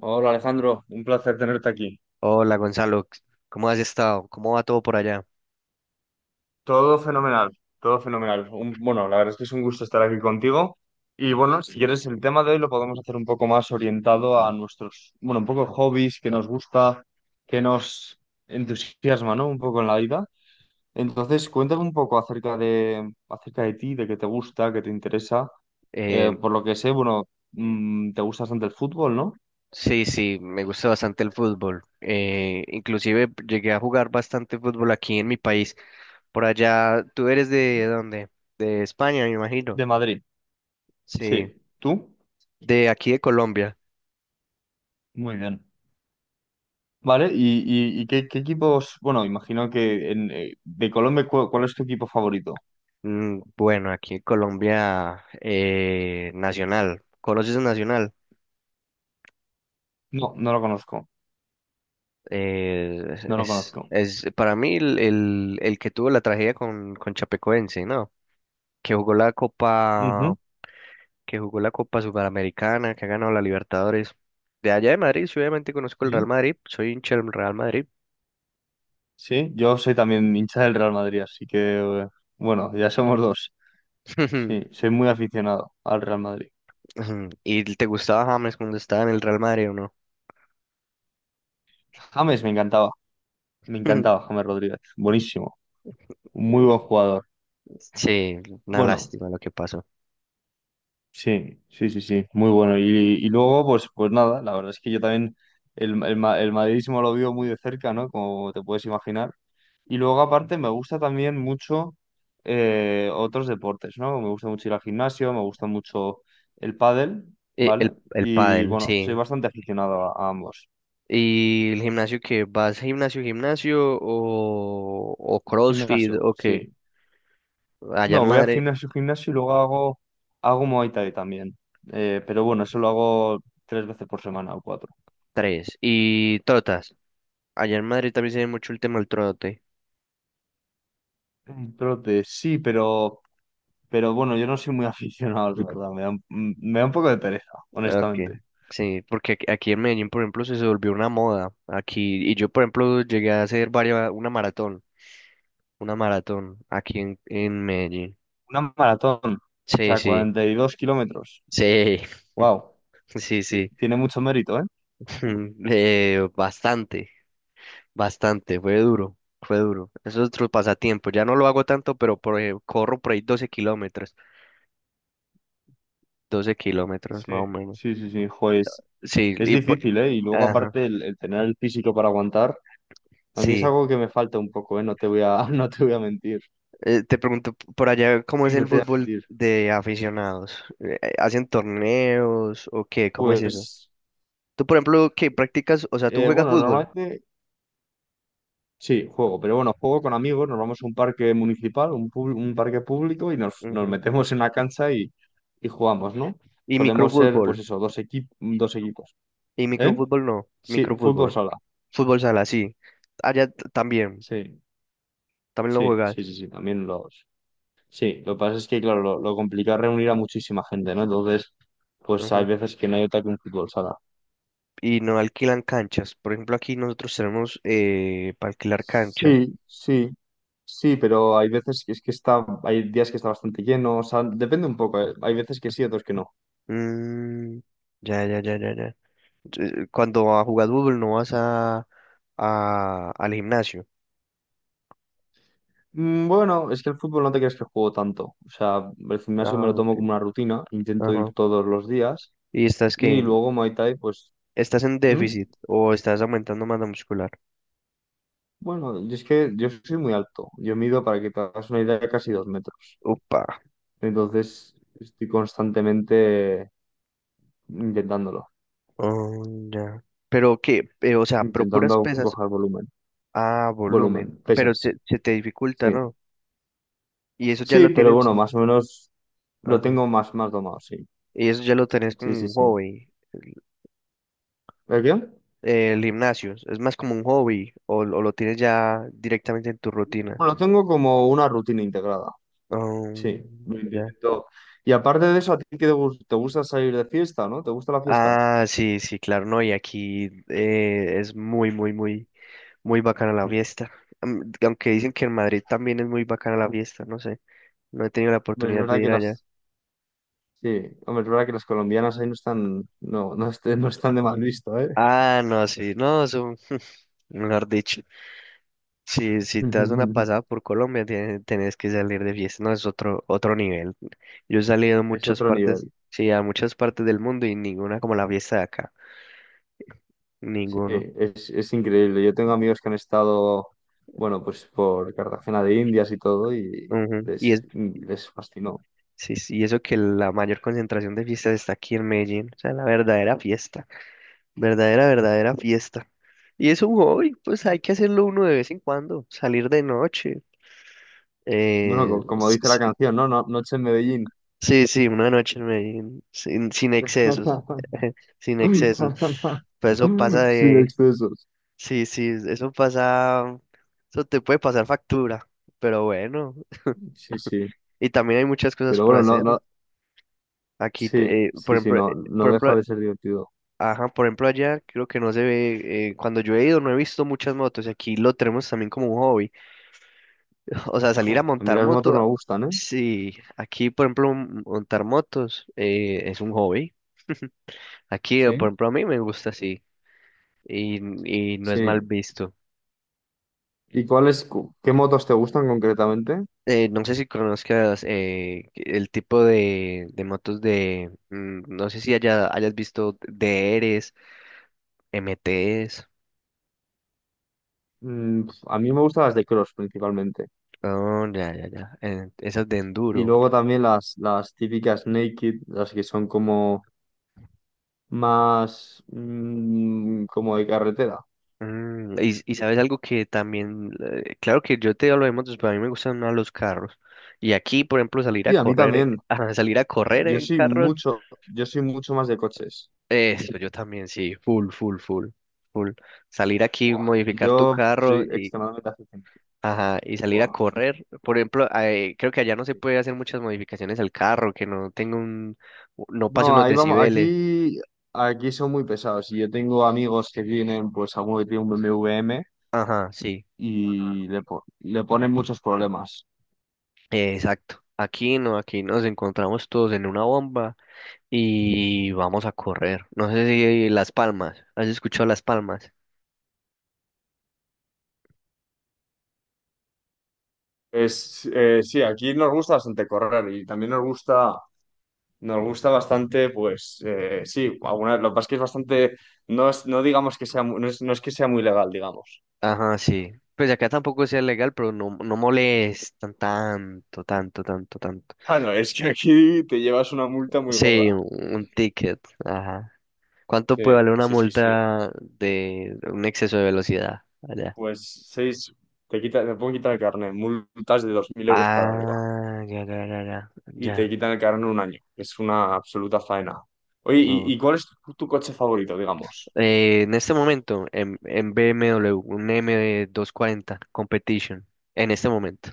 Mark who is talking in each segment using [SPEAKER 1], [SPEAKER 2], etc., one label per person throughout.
[SPEAKER 1] Hola Alejandro, un placer tenerte aquí.
[SPEAKER 2] Hola Gonzalo, ¿cómo has estado? ¿Cómo va todo por allá?
[SPEAKER 1] Todo fenomenal, todo fenomenal. La verdad es que es un gusto estar aquí contigo. Y bueno, si quieres, el tema de hoy lo podemos hacer un poco más orientado a nuestros, bueno, un poco hobbies que nos gusta, que nos entusiasma, ¿no? Un poco en la vida. Entonces, cuéntame un poco acerca de ti, de qué te gusta, qué te interesa.
[SPEAKER 2] Eh,
[SPEAKER 1] Por lo que sé, bueno, te gusta bastante el fútbol, ¿no?
[SPEAKER 2] sí, sí, me gusta bastante el fútbol. Inclusive llegué a jugar bastante fútbol aquí en mi país. Por allá, ¿tú eres de dónde? De España, me imagino.
[SPEAKER 1] De Madrid.
[SPEAKER 2] Sí,
[SPEAKER 1] Sí. ¿Tú?
[SPEAKER 2] de aquí de Colombia.
[SPEAKER 1] Muy bien. Vale, ¿y qué, qué equipos? Bueno, imagino que de Colombia, ¿cuál es tu equipo favorito?
[SPEAKER 2] Bueno, aquí en Colombia, Nacional. ¿Conoces a Nacional?
[SPEAKER 1] No, no lo conozco,
[SPEAKER 2] Eh,
[SPEAKER 1] no lo
[SPEAKER 2] es,
[SPEAKER 1] conozco.
[SPEAKER 2] es para mí el que tuvo la tragedia con Chapecoense, ¿no? Que jugó la Copa.
[SPEAKER 1] Ujú.
[SPEAKER 2] Que jugó la Copa Sudamericana, que ha ganado la Libertadores. De allá de Madrid, sí, obviamente conozco el Real
[SPEAKER 1] Sí.
[SPEAKER 2] Madrid, soy hincha del Real Madrid.
[SPEAKER 1] Sí, yo soy también hincha del Real Madrid, así que, eh, bueno, ya somos dos. Sí, soy muy aficionado al Real Madrid.
[SPEAKER 2] ¿Y te gustaba James cuando estaba en el Real Madrid o no?
[SPEAKER 1] James me encantaba James Rodríguez, buenísimo, muy buen jugador.
[SPEAKER 2] Sí, una
[SPEAKER 1] Bueno,
[SPEAKER 2] lástima lo que pasó.
[SPEAKER 1] sí, sí, sí, sí, muy bueno. Y luego, pues nada, la verdad es que yo también el madridismo lo vivo muy de cerca, ¿no? Como te puedes imaginar. Y luego, aparte, me gusta también mucho otros deportes, ¿no? Me gusta mucho ir al gimnasio, me gusta mucho el pádel,
[SPEAKER 2] Eh, El,
[SPEAKER 1] ¿vale?
[SPEAKER 2] el
[SPEAKER 1] Y
[SPEAKER 2] pádel,
[SPEAKER 1] bueno, soy
[SPEAKER 2] sí.
[SPEAKER 1] bastante aficionado a ambos.
[SPEAKER 2] ¿Y el gimnasio que ¿Vas gimnasio, gimnasio o CrossFit
[SPEAKER 1] Gimnasio,
[SPEAKER 2] o qué?
[SPEAKER 1] sí.
[SPEAKER 2] Allá en
[SPEAKER 1] No, voy al
[SPEAKER 2] Madrid,
[SPEAKER 1] gimnasio, gimnasio y luego hago, hago Muay Thai también. Pero bueno, eso lo hago tres veces por semana o cuatro.
[SPEAKER 2] tres. ¿Y trotas? Allá en Madrid también se ve mucho el tema del trote.
[SPEAKER 1] El trote, sí, pero bueno, yo no soy muy aficionado, la verdad. Me da un poco de pereza,
[SPEAKER 2] Okay.
[SPEAKER 1] honestamente.
[SPEAKER 2] Sí, porque aquí en Medellín, por ejemplo, se volvió una moda. Aquí, y yo, por ejemplo, llegué a hacer varias, una maratón aquí en Medellín.
[SPEAKER 1] Una maratón, o
[SPEAKER 2] Sí,
[SPEAKER 1] sea,
[SPEAKER 2] sí,
[SPEAKER 1] 42 kilómetros.
[SPEAKER 2] sí,
[SPEAKER 1] Wow,
[SPEAKER 2] sí, sí.
[SPEAKER 1] tiene mucho mérito, ¿eh?
[SPEAKER 2] Bastante, bastante, fue duro, fue duro. Eso es otro pasatiempo. Ya no lo hago tanto, pero corro por ahí doce kilómetros
[SPEAKER 1] Sí,
[SPEAKER 2] más o menos.
[SPEAKER 1] sí, sí, sí, jo,
[SPEAKER 2] Sí,
[SPEAKER 1] es difícil, ¿eh? Y luego
[SPEAKER 2] ajá,
[SPEAKER 1] aparte el tener el físico para aguantar, a mí es
[SPEAKER 2] sí.
[SPEAKER 1] algo que me falta un poco, ¿eh? No te voy a, no te voy a mentir,
[SPEAKER 2] Te pregunto por allá cómo es
[SPEAKER 1] no
[SPEAKER 2] el
[SPEAKER 1] te voy a
[SPEAKER 2] fútbol
[SPEAKER 1] mentir.
[SPEAKER 2] de aficionados. ¿Hacen torneos o qué? ¿Cómo es eso?
[SPEAKER 1] Pues,
[SPEAKER 2] Tú, por ejemplo, qué practicas, o sea, tú juegas
[SPEAKER 1] bueno,
[SPEAKER 2] fútbol.
[SPEAKER 1] normalmente sí, juego, pero bueno, juego con amigos, nos vamos a un parque municipal, un parque público y nos, nos
[SPEAKER 2] Ujú.
[SPEAKER 1] metemos en una cancha y jugamos, ¿no?
[SPEAKER 2] Y
[SPEAKER 1] Solemos ser, pues
[SPEAKER 2] microfútbol.
[SPEAKER 1] eso, dos equipos.
[SPEAKER 2] Y
[SPEAKER 1] ¿Eh?
[SPEAKER 2] microfútbol no,
[SPEAKER 1] Sí, fútbol
[SPEAKER 2] microfútbol.
[SPEAKER 1] sala.
[SPEAKER 2] Fútbol sala, sí. Allá también,
[SPEAKER 1] Sí,
[SPEAKER 2] también lo
[SPEAKER 1] sí, sí,
[SPEAKER 2] juegas.
[SPEAKER 1] sí, sí, también los... Sí, lo que pasa es que, claro, lo complicado es reunir a muchísima gente, ¿no? Entonces, pues hay
[SPEAKER 2] Ujú.
[SPEAKER 1] veces que no hay otra que un fútbol sala.
[SPEAKER 2] Y no alquilan canchas. Por ejemplo, aquí nosotros tenemos para alquilar canchas.
[SPEAKER 1] Sí, sí, sí, pero hay veces que es que está, hay días que está bastante lleno, o sea, depende un poco, ¿eh? Hay veces que sí, otros que no.
[SPEAKER 2] Mm, ya, ya, ya, ya, ya. Cuando a jugar fútbol no vas al gimnasio.
[SPEAKER 1] Bueno, es que el fútbol no te creas que juego tanto. O sea, el gimnasio me
[SPEAKER 2] Ah,
[SPEAKER 1] lo tomo
[SPEAKER 2] ok.
[SPEAKER 1] como una rutina, intento
[SPEAKER 2] Ajá.
[SPEAKER 1] ir todos los días
[SPEAKER 2] Y estás que
[SPEAKER 1] y
[SPEAKER 2] en-
[SPEAKER 1] luego Muay Thai, pues...
[SPEAKER 2] estás en
[SPEAKER 1] ¿Mm?
[SPEAKER 2] déficit o estás aumentando masa muscular.
[SPEAKER 1] Bueno, y es que yo soy muy alto. Yo mido, para que te hagas una idea, casi dos metros.
[SPEAKER 2] Upa.
[SPEAKER 1] Entonces estoy constantemente intentándolo,
[SPEAKER 2] Oh, ya. Pero qué que, o sea, pero puras
[SPEAKER 1] intentando
[SPEAKER 2] pesas
[SPEAKER 1] coger volumen.
[SPEAKER 2] a
[SPEAKER 1] Volumen,
[SPEAKER 2] volumen, pero se,
[SPEAKER 1] pesas.
[SPEAKER 2] se te dificulta,
[SPEAKER 1] Sí,
[SPEAKER 2] ¿no? Y eso ya
[SPEAKER 1] sí,
[SPEAKER 2] lo
[SPEAKER 1] pero
[SPEAKER 2] tienes,
[SPEAKER 1] bueno, más o menos lo
[SPEAKER 2] ajá.
[SPEAKER 1] tengo más, más domado, sí.
[SPEAKER 2] Y eso ya lo tenés como
[SPEAKER 1] Sí, sí,
[SPEAKER 2] un
[SPEAKER 1] sí.
[SPEAKER 2] hobby. El,
[SPEAKER 1] ¿El qué?
[SPEAKER 2] el gimnasio, ¿es más como un hobby o lo tienes ya directamente en tu rutina?
[SPEAKER 1] Bueno, lo tengo como una rutina integrada. Sí, lo
[SPEAKER 2] Ya.
[SPEAKER 1] intento. Y aparte de eso, ¿a ti qué te gusta salir de fiesta, no? ¿Te gusta la fiesta?
[SPEAKER 2] Ah, sí, sí, claro, no, y aquí es muy, muy, muy. Muy bacana la fiesta. Aunque dicen que en Madrid también es muy bacana la fiesta, no sé. No he tenido la
[SPEAKER 1] Hombre, es
[SPEAKER 2] oportunidad de
[SPEAKER 1] verdad
[SPEAKER 2] ir
[SPEAKER 1] que
[SPEAKER 2] allá.
[SPEAKER 1] las... Sí, hombre, es verdad que las colombianas ahí no están... No, no, no están de mal visto, ¿eh?
[SPEAKER 2] Ah, no, sí, no, eso, mejor dicho. Si, si te das una pasada por Colombia, tienes, tenés que salir de fiesta, no, es otro nivel. Yo he salido a
[SPEAKER 1] Es
[SPEAKER 2] muchas
[SPEAKER 1] otro
[SPEAKER 2] partes,
[SPEAKER 1] nivel.
[SPEAKER 2] sí, a muchas partes del mundo y ninguna como la fiesta de acá,
[SPEAKER 1] Sí,
[SPEAKER 2] ninguno.
[SPEAKER 1] es increíble. Yo tengo amigos que han estado, bueno, pues por Cartagena de Indias y todo, y
[SPEAKER 2] Ujú.
[SPEAKER 1] les, les fascinó.
[SPEAKER 2] Sí, sí, y eso que la mayor concentración de fiestas está aquí en Medellín, o sea, la verdadera fiesta. Verdadera, verdadera fiesta. Y es un hobby, pues hay que hacerlo uno de vez en cuando, salir de noche.
[SPEAKER 1] Bueno,
[SPEAKER 2] eh,
[SPEAKER 1] como
[SPEAKER 2] s-
[SPEAKER 1] dice la
[SPEAKER 2] s-
[SPEAKER 1] canción, ¿no? Noche en Medellín.
[SPEAKER 2] sí, sí, una noche en Medellín, sin excesos, sin excesos. Pues,
[SPEAKER 1] Sin excesos.
[SPEAKER 2] sí, sí, eso pasa, eso te puede pasar factura, pero bueno.
[SPEAKER 1] Sí, sí.
[SPEAKER 2] Y también hay muchas cosas
[SPEAKER 1] Pero
[SPEAKER 2] por
[SPEAKER 1] bueno, no,
[SPEAKER 2] hacer, ¿no?
[SPEAKER 1] no,
[SPEAKER 2] Aquí,
[SPEAKER 1] sí,
[SPEAKER 2] por
[SPEAKER 1] sí, sí,
[SPEAKER 2] ejemplo,
[SPEAKER 1] no,
[SPEAKER 2] eh,
[SPEAKER 1] no
[SPEAKER 2] por ejemplo,
[SPEAKER 1] deja de ser divertido.
[SPEAKER 2] ajá, por ejemplo allá creo que no se ve, cuando yo he ido no he visto muchas motos y aquí lo tenemos también como un hobby. O sea, salir a
[SPEAKER 1] Jo, a mí
[SPEAKER 2] montar
[SPEAKER 1] las motos
[SPEAKER 2] moto,
[SPEAKER 1] me gustan, ¿eh?
[SPEAKER 2] sí, aquí por ejemplo montar motos es un hobby. Aquí, por
[SPEAKER 1] ¿Sí?
[SPEAKER 2] ejemplo, a mí me gusta así y, y no es mal
[SPEAKER 1] Sí.
[SPEAKER 2] visto.
[SPEAKER 1] ¿Y cuáles, qué motos te gustan concretamente?
[SPEAKER 2] No sé si conozcas el tipo de motos no sé si haya, hayas visto DRs, MTs,
[SPEAKER 1] Mm, pf, a mí me gustan las de cross principalmente.
[SPEAKER 2] oh, ya, ya, ya, esas de
[SPEAKER 1] Y
[SPEAKER 2] enduro.
[SPEAKER 1] luego también las típicas naked, las que son como más como de carretera.
[SPEAKER 2] Y sabes algo que también, claro que yo te lo hemos, pero a mí me gustan más los carros. Y aquí, por ejemplo, salir a
[SPEAKER 1] Y a mí
[SPEAKER 2] correr,
[SPEAKER 1] también.
[SPEAKER 2] ah, salir a correr
[SPEAKER 1] Yo
[SPEAKER 2] en
[SPEAKER 1] soy
[SPEAKER 2] carros,
[SPEAKER 1] mucho, yo soy mucho más de coches.
[SPEAKER 2] eso yo también sí, full, full, full, full. Salir aquí,
[SPEAKER 1] Buah,
[SPEAKER 2] modificar tu
[SPEAKER 1] yo
[SPEAKER 2] carro
[SPEAKER 1] soy
[SPEAKER 2] y,
[SPEAKER 1] extremadamente aficionado.
[SPEAKER 2] ajá, y salir a
[SPEAKER 1] Buah.
[SPEAKER 2] correr. Por ejemplo, creo que allá no se
[SPEAKER 1] Sí.
[SPEAKER 2] puede hacer muchas modificaciones al carro, que no tenga no pase
[SPEAKER 1] No,
[SPEAKER 2] unos
[SPEAKER 1] ahí vamos,
[SPEAKER 2] decibeles.
[SPEAKER 1] aquí son muy pesados. Y yo tengo amigos que tienen, pues, alguno que tiene un BMW M W M
[SPEAKER 2] Ajá, sí,
[SPEAKER 1] y le ponen muchos problemas.
[SPEAKER 2] exacto. Aquí no, aquí nos encontramos todos en una bomba y vamos a correr. No sé si Las Palmas, ¿has escuchado Las Palmas?
[SPEAKER 1] Es, sí, aquí nos gusta bastante correr y también nos gusta bastante, pues, sí, alguna, lo que pasa es que es bastante, no digamos que sea, no es que sea muy legal, digamos.
[SPEAKER 2] Ajá, sí. Pues acá tampoco sea legal, pero no, no molestan tanto, tanto, tanto, tanto.
[SPEAKER 1] Ah, no, es que aquí te llevas una multa muy gorda.
[SPEAKER 2] Sí, un ticket, ajá. ¿Cuánto
[SPEAKER 1] Sí,
[SPEAKER 2] puede valer una
[SPEAKER 1] sí, sí, sí.
[SPEAKER 2] multa de un exceso de velocidad allá?
[SPEAKER 1] Pues seis, te quita, te pueden quitar el carnet, multas de 2.000 euros para arriba.
[SPEAKER 2] Ah, ya, ya, ya, ya,
[SPEAKER 1] Y te
[SPEAKER 2] ya.
[SPEAKER 1] quitan el carro en un año. Es una absoluta faena. Oye, ¿y,
[SPEAKER 2] Mm.
[SPEAKER 1] y cuál es tu coche favorito, digamos?
[SPEAKER 2] En este momento, en BMW, un M240 Competition, en este momento.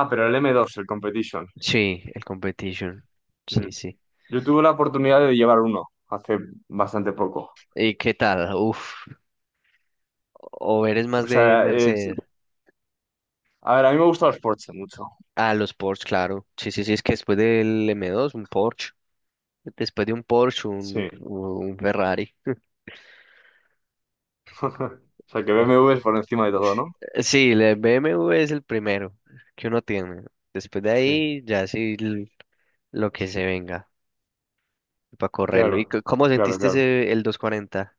[SPEAKER 1] Ah, pero el m dos el Competition.
[SPEAKER 2] Sí, el competition.
[SPEAKER 1] Mm.
[SPEAKER 2] Sí, sí.
[SPEAKER 1] Yo tuve la oportunidad de llevar uno hace bastante poco.
[SPEAKER 2] ¿Y qué tal? Uf. ¿O eres
[SPEAKER 1] O
[SPEAKER 2] más de
[SPEAKER 1] sea, es-
[SPEAKER 2] Mercedes?
[SPEAKER 1] a ver, a mí me gustan los Porsche mucho.
[SPEAKER 2] Ah, los Porsche, claro. Sí, sí, sí, es que después del M2, un Porsche. Después de un Porsche, un,
[SPEAKER 1] Sí.
[SPEAKER 2] un Ferrari.
[SPEAKER 1] O sea, que BMW es por encima de todo, ¿no?
[SPEAKER 2] Sí, el BMW es el primero que uno tiene. Después de
[SPEAKER 1] Sí.
[SPEAKER 2] ahí, ya sí lo que se venga para correrlo. ¿Y
[SPEAKER 1] Claro,
[SPEAKER 2] cómo
[SPEAKER 1] claro,
[SPEAKER 2] sentiste
[SPEAKER 1] claro.
[SPEAKER 2] ese, el 240?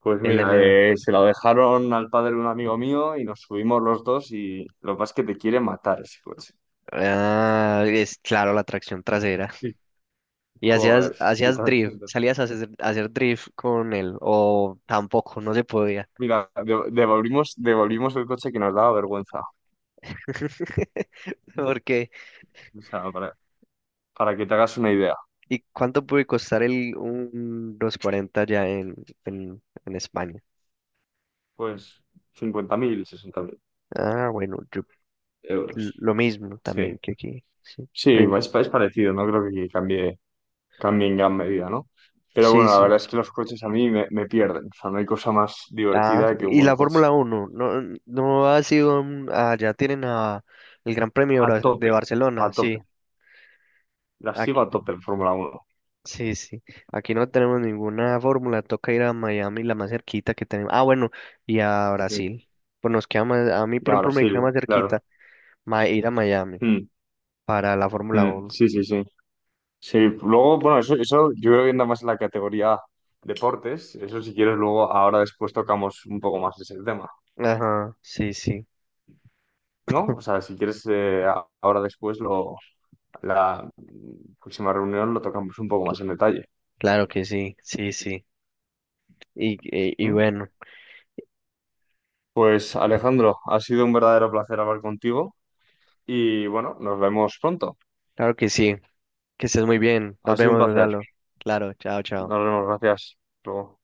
[SPEAKER 1] Pues
[SPEAKER 2] El
[SPEAKER 1] mira,
[SPEAKER 2] M2.
[SPEAKER 1] se lo dejaron al padre de un amigo mío y nos subimos los dos y lo que pasa es que te quiere matar ese coche.
[SPEAKER 2] Ah, es claro, la tracción trasera.
[SPEAKER 1] Sí.
[SPEAKER 2] Y hacías,
[SPEAKER 1] Joder, estoy
[SPEAKER 2] hacías
[SPEAKER 1] tan-
[SPEAKER 2] drift, salías a hacer drift con él, o tampoco, no se podía.
[SPEAKER 1] Mira, devolvimos, devolvimos el coche que nos daba vergüenza.
[SPEAKER 2] Porque,
[SPEAKER 1] O sea, para que te hagas una idea.
[SPEAKER 2] ¿Y cuánto puede costar un 240 ya en España?
[SPEAKER 1] Pues 50.000, 60.000
[SPEAKER 2] Ah, bueno,
[SPEAKER 1] euros.
[SPEAKER 2] lo mismo
[SPEAKER 1] Sí.
[SPEAKER 2] también que aquí. Sí,
[SPEAKER 1] Sí, es parecido, no creo que cambie, cambie en gran medida, ¿no? Pero
[SPEAKER 2] Sí.
[SPEAKER 1] bueno, la
[SPEAKER 2] Sí.
[SPEAKER 1] verdad es que los coches a mí me pierden. O sea, no hay cosa más
[SPEAKER 2] Ah, sí.
[SPEAKER 1] divertida que un
[SPEAKER 2] Y
[SPEAKER 1] buen
[SPEAKER 2] la
[SPEAKER 1] coche.
[SPEAKER 2] Fórmula 1 no ha sido, ya tienen el Gran Premio de
[SPEAKER 1] A
[SPEAKER 2] De
[SPEAKER 1] tope,
[SPEAKER 2] Barcelona,
[SPEAKER 1] a tope.
[SPEAKER 2] sí.
[SPEAKER 1] La sigo
[SPEAKER 2] Aquí.
[SPEAKER 1] a tope en Fórmula uno.
[SPEAKER 2] Sí, sí. Aquí no tenemos ninguna fórmula. Toca ir a Miami, la más cerquita que tenemos. Ah, bueno, y a
[SPEAKER 1] Sí.
[SPEAKER 2] Brasil. Pues nos queda más, a mí,
[SPEAKER 1] Y
[SPEAKER 2] por
[SPEAKER 1] ahora
[SPEAKER 2] ejemplo, me
[SPEAKER 1] sí,
[SPEAKER 2] queda más
[SPEAKER 1] claro.
[SPEAKER 2] cerquita ir a Miami
[SPEAKER 1] Mm,
[SPEAKER 2] para la Fórmula
[SPEAKER 1] mm,
[SPEAKER 2] Uno.
[SPEAKER 1] sí, sí, sí. Sí, luego, bueno, eso yo creo que anda más en la categoría deportes. Eso si quieres, luego ahora después tocamos un poco más ese tema,
[SPEAKER 2] Ajá, sí, sí.
[SPEAKER 1] ¿no? O sea, si quieres, ahora después, la próxima reunión lo tocamos un poco más en detalle.
[SPEAKER 2] Claro que sí, sí, sí. Y
[SPEAKER 1] ¿M?
[SPEAKER 2] bueno,
[SPEAKER 1] Pues Alejandro, ha sido un verdadero placer hablar contigo y bueno, nos vemos pronto.
[SPEAKER 2] claro que sí. Que estés muy bien. Nos
[SPEAKER 1] Ha sido un
[SPEAKER 2] vemos,
[SPEAKER 1] placer.
[SPEAKER 2] Gonzalo. Claro, chao, chao.
[SPEAKER 1] Nos vemos, gracias. Hasta luego.